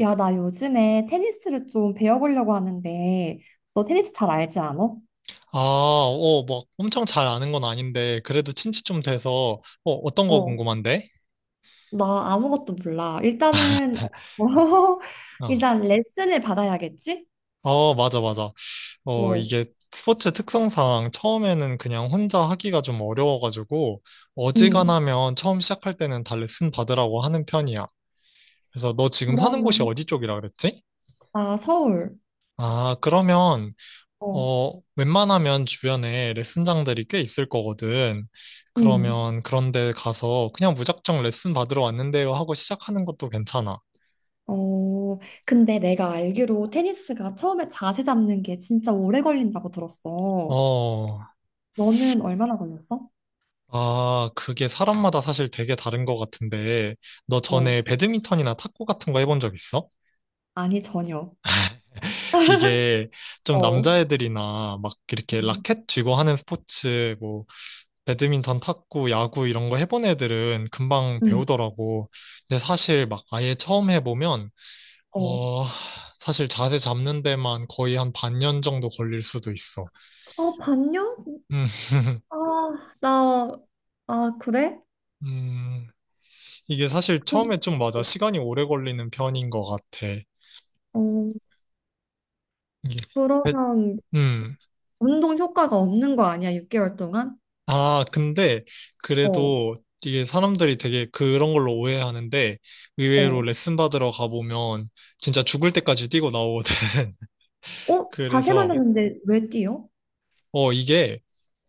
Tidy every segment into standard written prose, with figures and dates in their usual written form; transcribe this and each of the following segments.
야, 나 요즘에 테니스를 좀 배워보려고 하는데, 너 테니스 잘 알지 않아? 아, 막 엄청 잘 아는 건 아닌데, 그래도 친지 좀 돼서, 어떤 거 어, 궁금한데? 나 아무것도 몰라. 일단은, 어, 일단 레슨을 받아야겠지? 어, 맞아, 맞아. 어, 이게 스포츠 특성상 처음에는 그냥 혼자 하기가 좀 어려워가지고, 응. 어지간하면 처음 시작할 때는 다 레슨 받으라고 하는 편이야. 그래서 너 지금 사는 곳이 그러면. 어디 쪽이라 그랬지? 아, 서울. 아, 그러면, 어, 웬만하면 주변에 레슨장들이 꽤 있을 거거든. 응. 그러면 그런데 가서 그냥 무작정 레슨 받으러 왔는데요 하고 시작하는 것도 괜찮아. 어, 근데 내가 알기로 테니스가 처음에 자세 잡는 게 진짜 오래 걸린다고 들었어. 어, 너는 얼마나 걸렸어? 아, 그게 사람마다 사실 되게 다른 것 같은데, 너 어, 전에 배드민턴이나 탁구 같은 거 해본 적 있어? 아니, 전혀. 이게 좀 어, 남자애들이나 막 이렇게 응, 라켓 쥐고 하는 스포츠, 뭐, 배드민턴, 탁구, 야구 이런 거 해본 애들은 금방 응, 배우더라고. 근데 사실 막 아예 처음 해보면, 어. 어, 사실 자세 잡는 데만 거의 한 반년 정도 걸릴 수도 있어. 아, 반년? 음. 아, 나, 아, 그래? 음, 이게 사실 그럼, 처음에 좀 맞아. 시간이 오래 걸리는 편인 것 같아. 어, 이게 배- 그러면 음. 운동 효과가 없는 거 아니야, 6개월 동안? 아, 근데 어, 그래도 이게 사람들이 되게 그런 걸로 오해하는데 의외로 어. 레슨 받으러 가보면 진짜 죽을 때까지 뛰고 나오거든. 어? 자세만 그래서 잡는데 왜 뛰어? 이게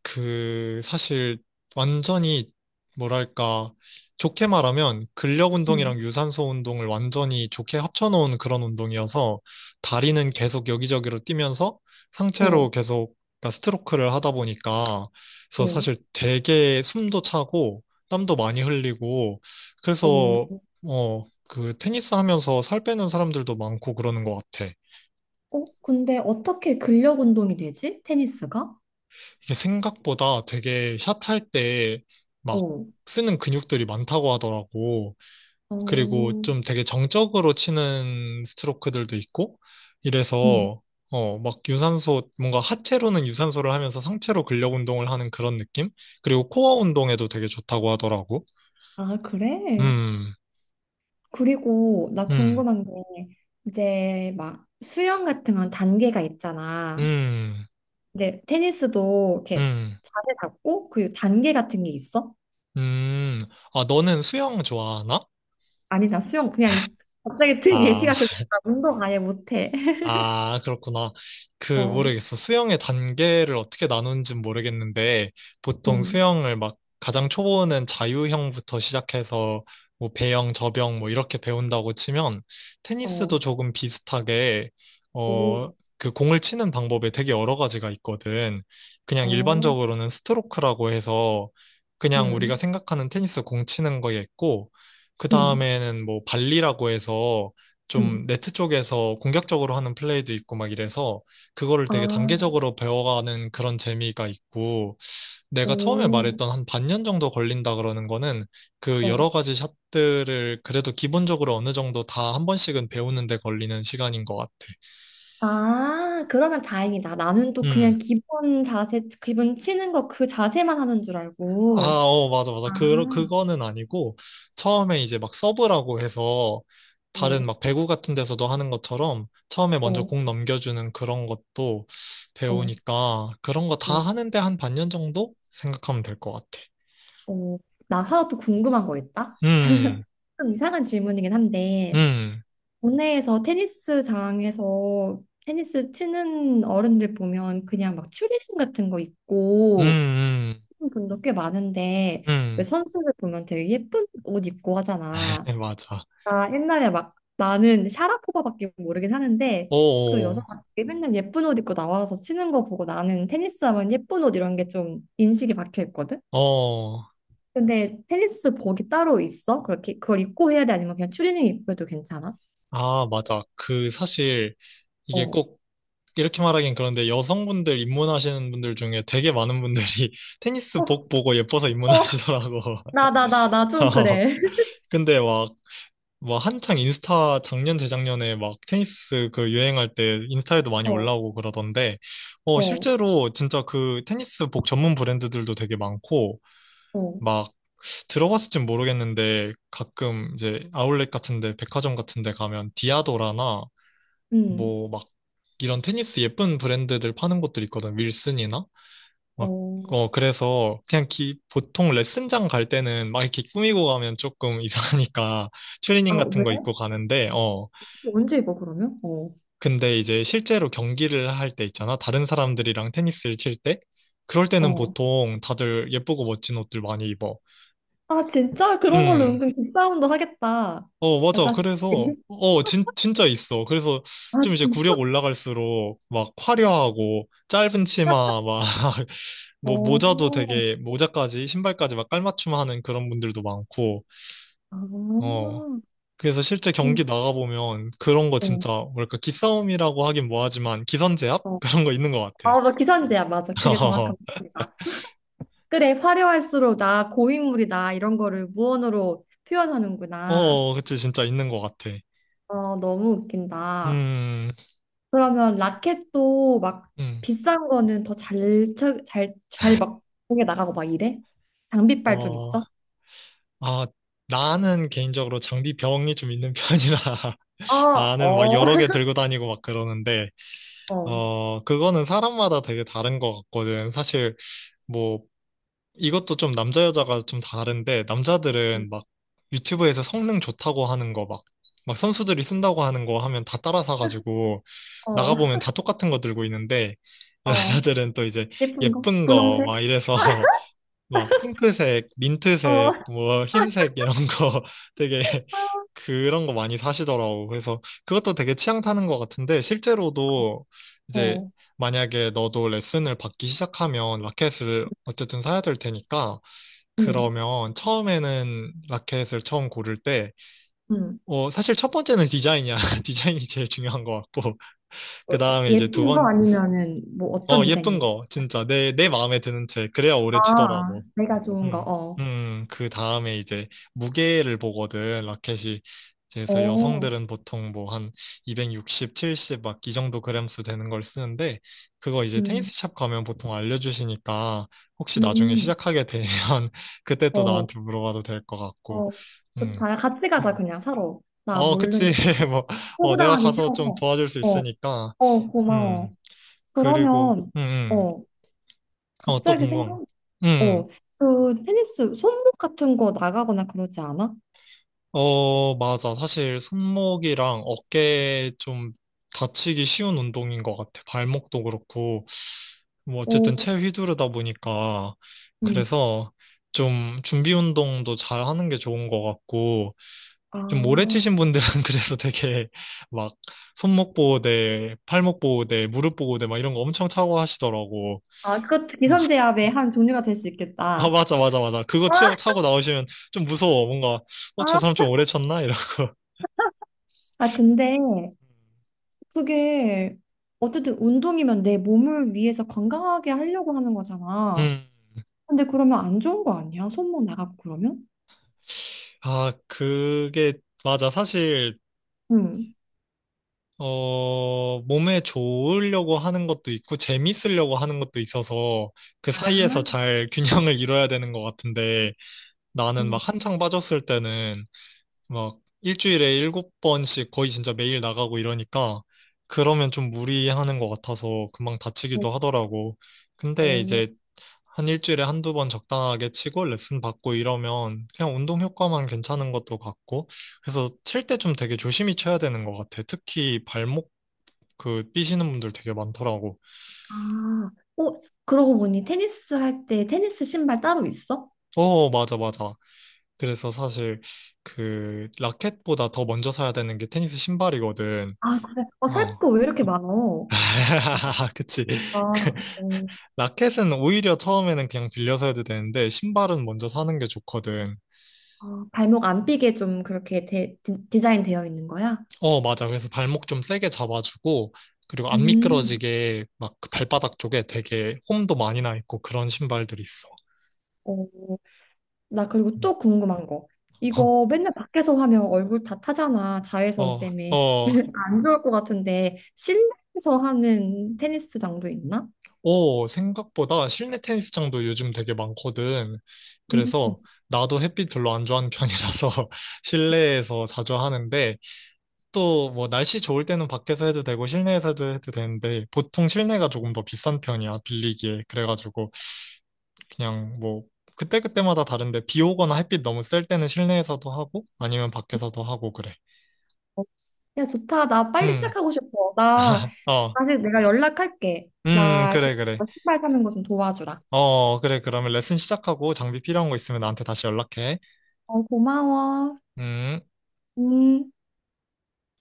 그 사실 완전히, 뭐랄까, 좋게 말하면 근력 응, 운동이랑 유산소 운동을 완전히 좋게 합쳐놓은 그런 운동이어서, 다리는 계속 여기저기로 뛰면서 어, 상체로 계속, 그러니까 스트로크를 하다 보니까, 그래서 어, 사실 되게 숨도 차고 땀도 많이 흘리고 그래서, 어. 어 그 테니스 하면서 살 빼는 사람들도 많고 그러는 것 같아. 어? 근데 어떻게 근력 운동이 되지? 테니스가? 이게 생각보다 되게 샷할 때 막 어, 쓰는 근육들이 많다고 하더라고. 그리고 어, 좀 되게 정적으로 치는 스트로크들도 있고, 응. 이래서, 막 유산소, 뭔가 하체로는 유산소를 하면서 상체로 근력 운동을 하는 그런 느낌? 그리고 코어 운동에도 되게 좋다고 하더라고. 아, 그래? 음. 그리고 나 음. 궁금한 게 이제 막 수영 같은 건 단계가 있잖아. 음. 근데 테니스도 이렇게 음. 자세 잡고 그 단계 같은 게 있어? 음. 아, 너는 수영 좋아하나? 아니, 나 수영 그냥 갑자기 든 아, 예시가 그거나, 운동 아예 못해. 아, 그렇구나. 그, 어, 모르겠어. 수영의 단계를 어떻게 나누는지 모르겠는데, 보통 음, 수영을 막 가장 초보는 자유형부터 시작해서 뭐 배영, 저병 뭐 이렇게 배운다고 치면, 어, 테니스도 조금 비슷하게, 오, 어, 그 공을 치는 방법에 되게 여러 가지가 있거든. 그냥 어, 일반적으로는 스트로크라고 해서 그냥 우리가 음, 생각하는 테니스 공 치는 거에 있고, 그 음, 다음에는 뭐 발리라고 해서 음, 좀 네트 쪽에서 공격적으로 하는 플레이도 있고 막 이래서 그거를 되게 아, 단계적으로 배워가는 그런 재미가 있고, 내가 처음에 오, 말했던 한 반년 정도 걸린다 그러는 거는 그 어. 여러 가지 샷들을 그래도 기본적으로 어느 정도 다 한 번씩은 배우는 데 걸리는 시간인 것 같아. 아, 그러면 다행이다. 나는 또 음. 그냥 기본 자세, 기본 치는 거 그 자세만 하는 줄 아, 알고. 맞아, 맞아. 아, 그거는 아니고, 처음에 이제 막 서브라고 해서, 다른 어, 막 배구 같은 데서도 하는 것처럼, 처음에 먼저 어, 공 넘겨주는 그런 것도 어, 배우니까, 그런 거 다 어, 하는데 한 반년 정도 생각하면 될 것 같아. 어. 나 하나 또 궁금한 거 있다? 음. 좀 이상한 질문이긴 한데, 음. 국내에서 테니스장에서 테니스 치는 어른들 보면 그냥 막 추리닝 같은 거 입고 음. 하는 분도 꽤 많은데 음. 왜 음. 선수들 보면 되게 예쁜 옷 입고 하잖아. 맞아. 나 옛날에 막 나는 샤라포바밖에 모르긴 하는데 그 오, 여자가 되게 맨날 예쁜 옷 입고 나와서 치는 거 보고, 나는 테니스 하면 예쁜 옷 이런 게 좀 인식이 박혀 있거든. 어, 어. 근데 테니스 복이 따로 있어? 그렇게 그걸 입고 해야 돼? 아니면 그냥 추리닝 입고 해도 괜찮아? 아, 맞아. 그 사실 이게 어. 꼭 이렇게 말하긴 그런데, 여성분들 입문하시는 분들 중에 되게 많은 분들이 테니스 복 보고 예뻐서 어, 입문하시더라고. 나, 나, 나, 나 좀 그래. 근데 막 한창 인스타 작년, 재작년에 막 테니스 그 유행할 때 인스타에도 많이 어, 올라오고 그러던데, 어, 실제로 진짜 그 테니스 복 전문 브랜드들도 되게 많고, 어, 막 들어봤을진 모르겠는데, 가끔 이제 아울렛 같은데 백화점 같은데 가면 디아도라나 음. 뭐 막 이런 테니스 예쁜 브랜드들 파는 곳들 있거든. 윌슨이나 막 어. 그래서 그냥 기 보통 레슨장 갈 때는 막 이렇게 꾸미고 가면 조금 이상하니까 트레이닝 아, 같은 왜? 거 입고 가는데, 언제 입어, 그러면? 어, 근데 이제 실제로 경기를 할 때 있잖아. 다른 사람들이랑 테니스를 칠 때 그럴 때는 어. 보통 다들 예쁘고 멋진 옷들 많이 입어. 아, 진짜? 그런 걸로 음. 은근 기싸움도 하겠다. 어, 맞아. 맞아. 그래서, 진짜 있어. 그래서 아, 좀 이제 진짜? 구력 올라갈수록 막 화려하고 짧은 치마 막 뭐 어, 모자도 되게, 모자까지 신발까지 막 깔맞춤하는 그런 분들도 많고, 아, 어 그래서 실제 경기 음, 나가보면 그런 거 어, 진짜, 뭐랄까, 기싸움이라고 하긴 뭐하지만 기선제압 어. 그런 거 있는 것 같아. 아, 너 기선제야. 맞아. 그게 정확한 말이다. 그래, 화려할수록 나 고인물이다. 이런 거를 무언으로 표현하는구나. 그치, 진짜 있는 것 같아. 어, 너무 웃긴다. 음음어아 그러면 라켓도 막 비싼 거는 더 잘, 쳐- 잘, 잘 막, 공에 나가고 막 이래? 장비빨 좀 있어? 나는 개인적으로 장비 병이 좀 있는 편이라 어, 나는 막 어, 여러 개 들고 다니고 막 그러는데, 어. 그거는 사람마다 되게 다른 것 같거든, 사실. 뭐 이것도 좀 남자 여자가 좀 다른데, 음, 남자들은 막 유튜브에서 성능 좋다고 하는 거 막 선수들이 쓴다고 하는 거 하면 다 따라 사가지고 어, 나가보면 다 똑같은 거 들고 있는데, 어. 여자들은 또 이제 예쁜 거? 예쁜 거 막 분홍색? 이래서, 막 핑크색, 어, 민트색, 뭐 흰색 이런 거 되게 그런 거 많이 사시더라고. 그래서 그것도 되게 취향 타는 것 같은데, 실제로도 이제 어. 만약에 너도 레슨을 받기 시작하면 라켓을 어쨌든 사야 될 테니까, 음, 그러면 처음에는 라켓을 처음 고를 때 음. 사실 첫 번째는 디자인이야. 디자인이 제일 중요한 것 같고, 어, 그 다음에 이제 두 예쁜 거 번, 아니면은 뭐 어떤 디자인 예쁜 얘기? 거, 진짜 내 마음에 드는 채, 그래야 아, 오래 아. 치더라고. 내가 좋은 거, 음, 어. 그 다음에 이제 무게를 보거든, 라켓이. 그래서 어, 여성들은 보통 뭐 한 260, 70 막 이 정도 그램수 되는 걸 쓰는데, 그거 이제 음, 테니스샵 가면 보통 알려주시니까, 혹시 나중에 음, 시작하게 되면 그때 또 어, 나한테 물어봐도 될 것 같고, 어. 음. 좋다. 같이 가자, 음. 그냥 사러. 나 어, 그치. 모르니까. 뭐, 내가 호구당하기 가서 좀 싫어서. 도와줄 수 어. 있으니까, 어, 고마워. 음, 그리고, 그러면, 어, 어, 또 갑자기 궁금한 생각, 거. 음. 음. 어, 그 테니스 손목 같은 거 나가거나 그러지 않아? 어, 맞아. 사실 손목이랑 어깨 좀 다치기 쉬운 운동인 것 같아. 발목도 그렇고. 뭐 어쨌든 어, 채 휘두르다 보니까. 음. 그래서 좀 준비 운동도 잘 하는 게 좋은 것 같고. 좀 오래 아, 치신 분들은 그래서 되게 막 손목 보호대, 팔목 보호대, 무릎 보호대 막 이런 거 엄청 차고 하시더라고. 아, 그것도 기선제압의 한 종류가 될 수 아, 있겠다. 맞아, 맞아, 맞아. 그거 아, 차고 나오시면 좀 무서워. 뭔가, 저 아, 사람 좀 오래 쳤나? 이런. 아, 근데 그게 어쨌든 운동이면 내 몸을 위해서 건강하게 하려고 하는 거잖아. 음. 근데 그러면 안 좋은 거 아니야? 손목 나가고 그러면? 아, 그게, 맞아. 사실, 응. 몸에 좋으려고 하는 것도 있고, 재밌으려고 하는 것도 있어서, 그 사이에서 아, 잘 균형을 이뤄야 되는 것 같은데, 나는 막 한창 빠졌을 때는, 막, 일주일에 일곱 번씩 거의 진짜 매일 나가고 이러니까, 그러면 좀 무리하는 것 같아서 금방 다치기도 하더라고. 근데 어, 이제 한 일주일에 한두 번 적당하게 치고 레슨 받고 이러면 그냥 운동 효과만 괜찮은 것도 같고, 그래서 칠 때 좀 되게 조심히 쳐야 되는 것 같아. 특히 발목, 그 삐시는 분들 되게 많더라고. 아, 어, 그러고 보니 테니스 할 때 테니스 신발 따로 있어? 어, 맞아, 맞아. 그래서 사실 그 라켓보다 더 먼저 사야 되는 게 테니스 신발이거든. 아, 그래. 어, 살 어. 거 왜 이렇게 많어? 어, 그치. 아, 그 어, 라켓은 오히려 처음에는 그냥 빌려서 해도 되는데, 신발은 먼저 사는 게 좋거든. 아, 발목 안 삐게 좀 그렇게 데, 디, 디자인 되어 있는 거야? 어, 맞아. 그래서 발목 좀 세게 잡아주고, 그리고 안 음. 미끄러지게 막그 발바닥 쪽에 되게 홈도 많이 나 있고 그런 신발들이 있어. 어, 나 그리고 또 궁금한 거. 어, 이거 맨날 밖에서 하면 얼굴 다 타잖아. 자외선 어, 때문에. 어, 안 좋을 것 같은데 실내에서 하는 테니스장도 있나? 오, 생각보다 실내 테니스장도 요즘 되게 많거든. 음. 그래서 나도 햇빛 별로 안 좋아하는 편이라서 실내에서 자주 하는데, 또 뭐 날씨 좋을 때는 밖에서 해도 되고 실내에서 해도 되는데, 보통 실내가 조금 더 비싼 편이야, 빌리기에. 그래가지고 그냥 뭐 그때그때마다 다른데, 비 오거나 햇빛 너무 셀 때는 실내에서도 하고 아니면 밖에서도 하고 그래. 야, 좋다. 나 빨리 음. 시작하고 싶어. 나 어. 아직 내가 연락할게. 나 그- 그래, 그래. 신발 사는 거 좀 도와주라. 어, 그래. 그러면 레슨 시작하고 장비 필요한 거 있으면 나한테 다시 연락해. 어, 고마워. 음. 음.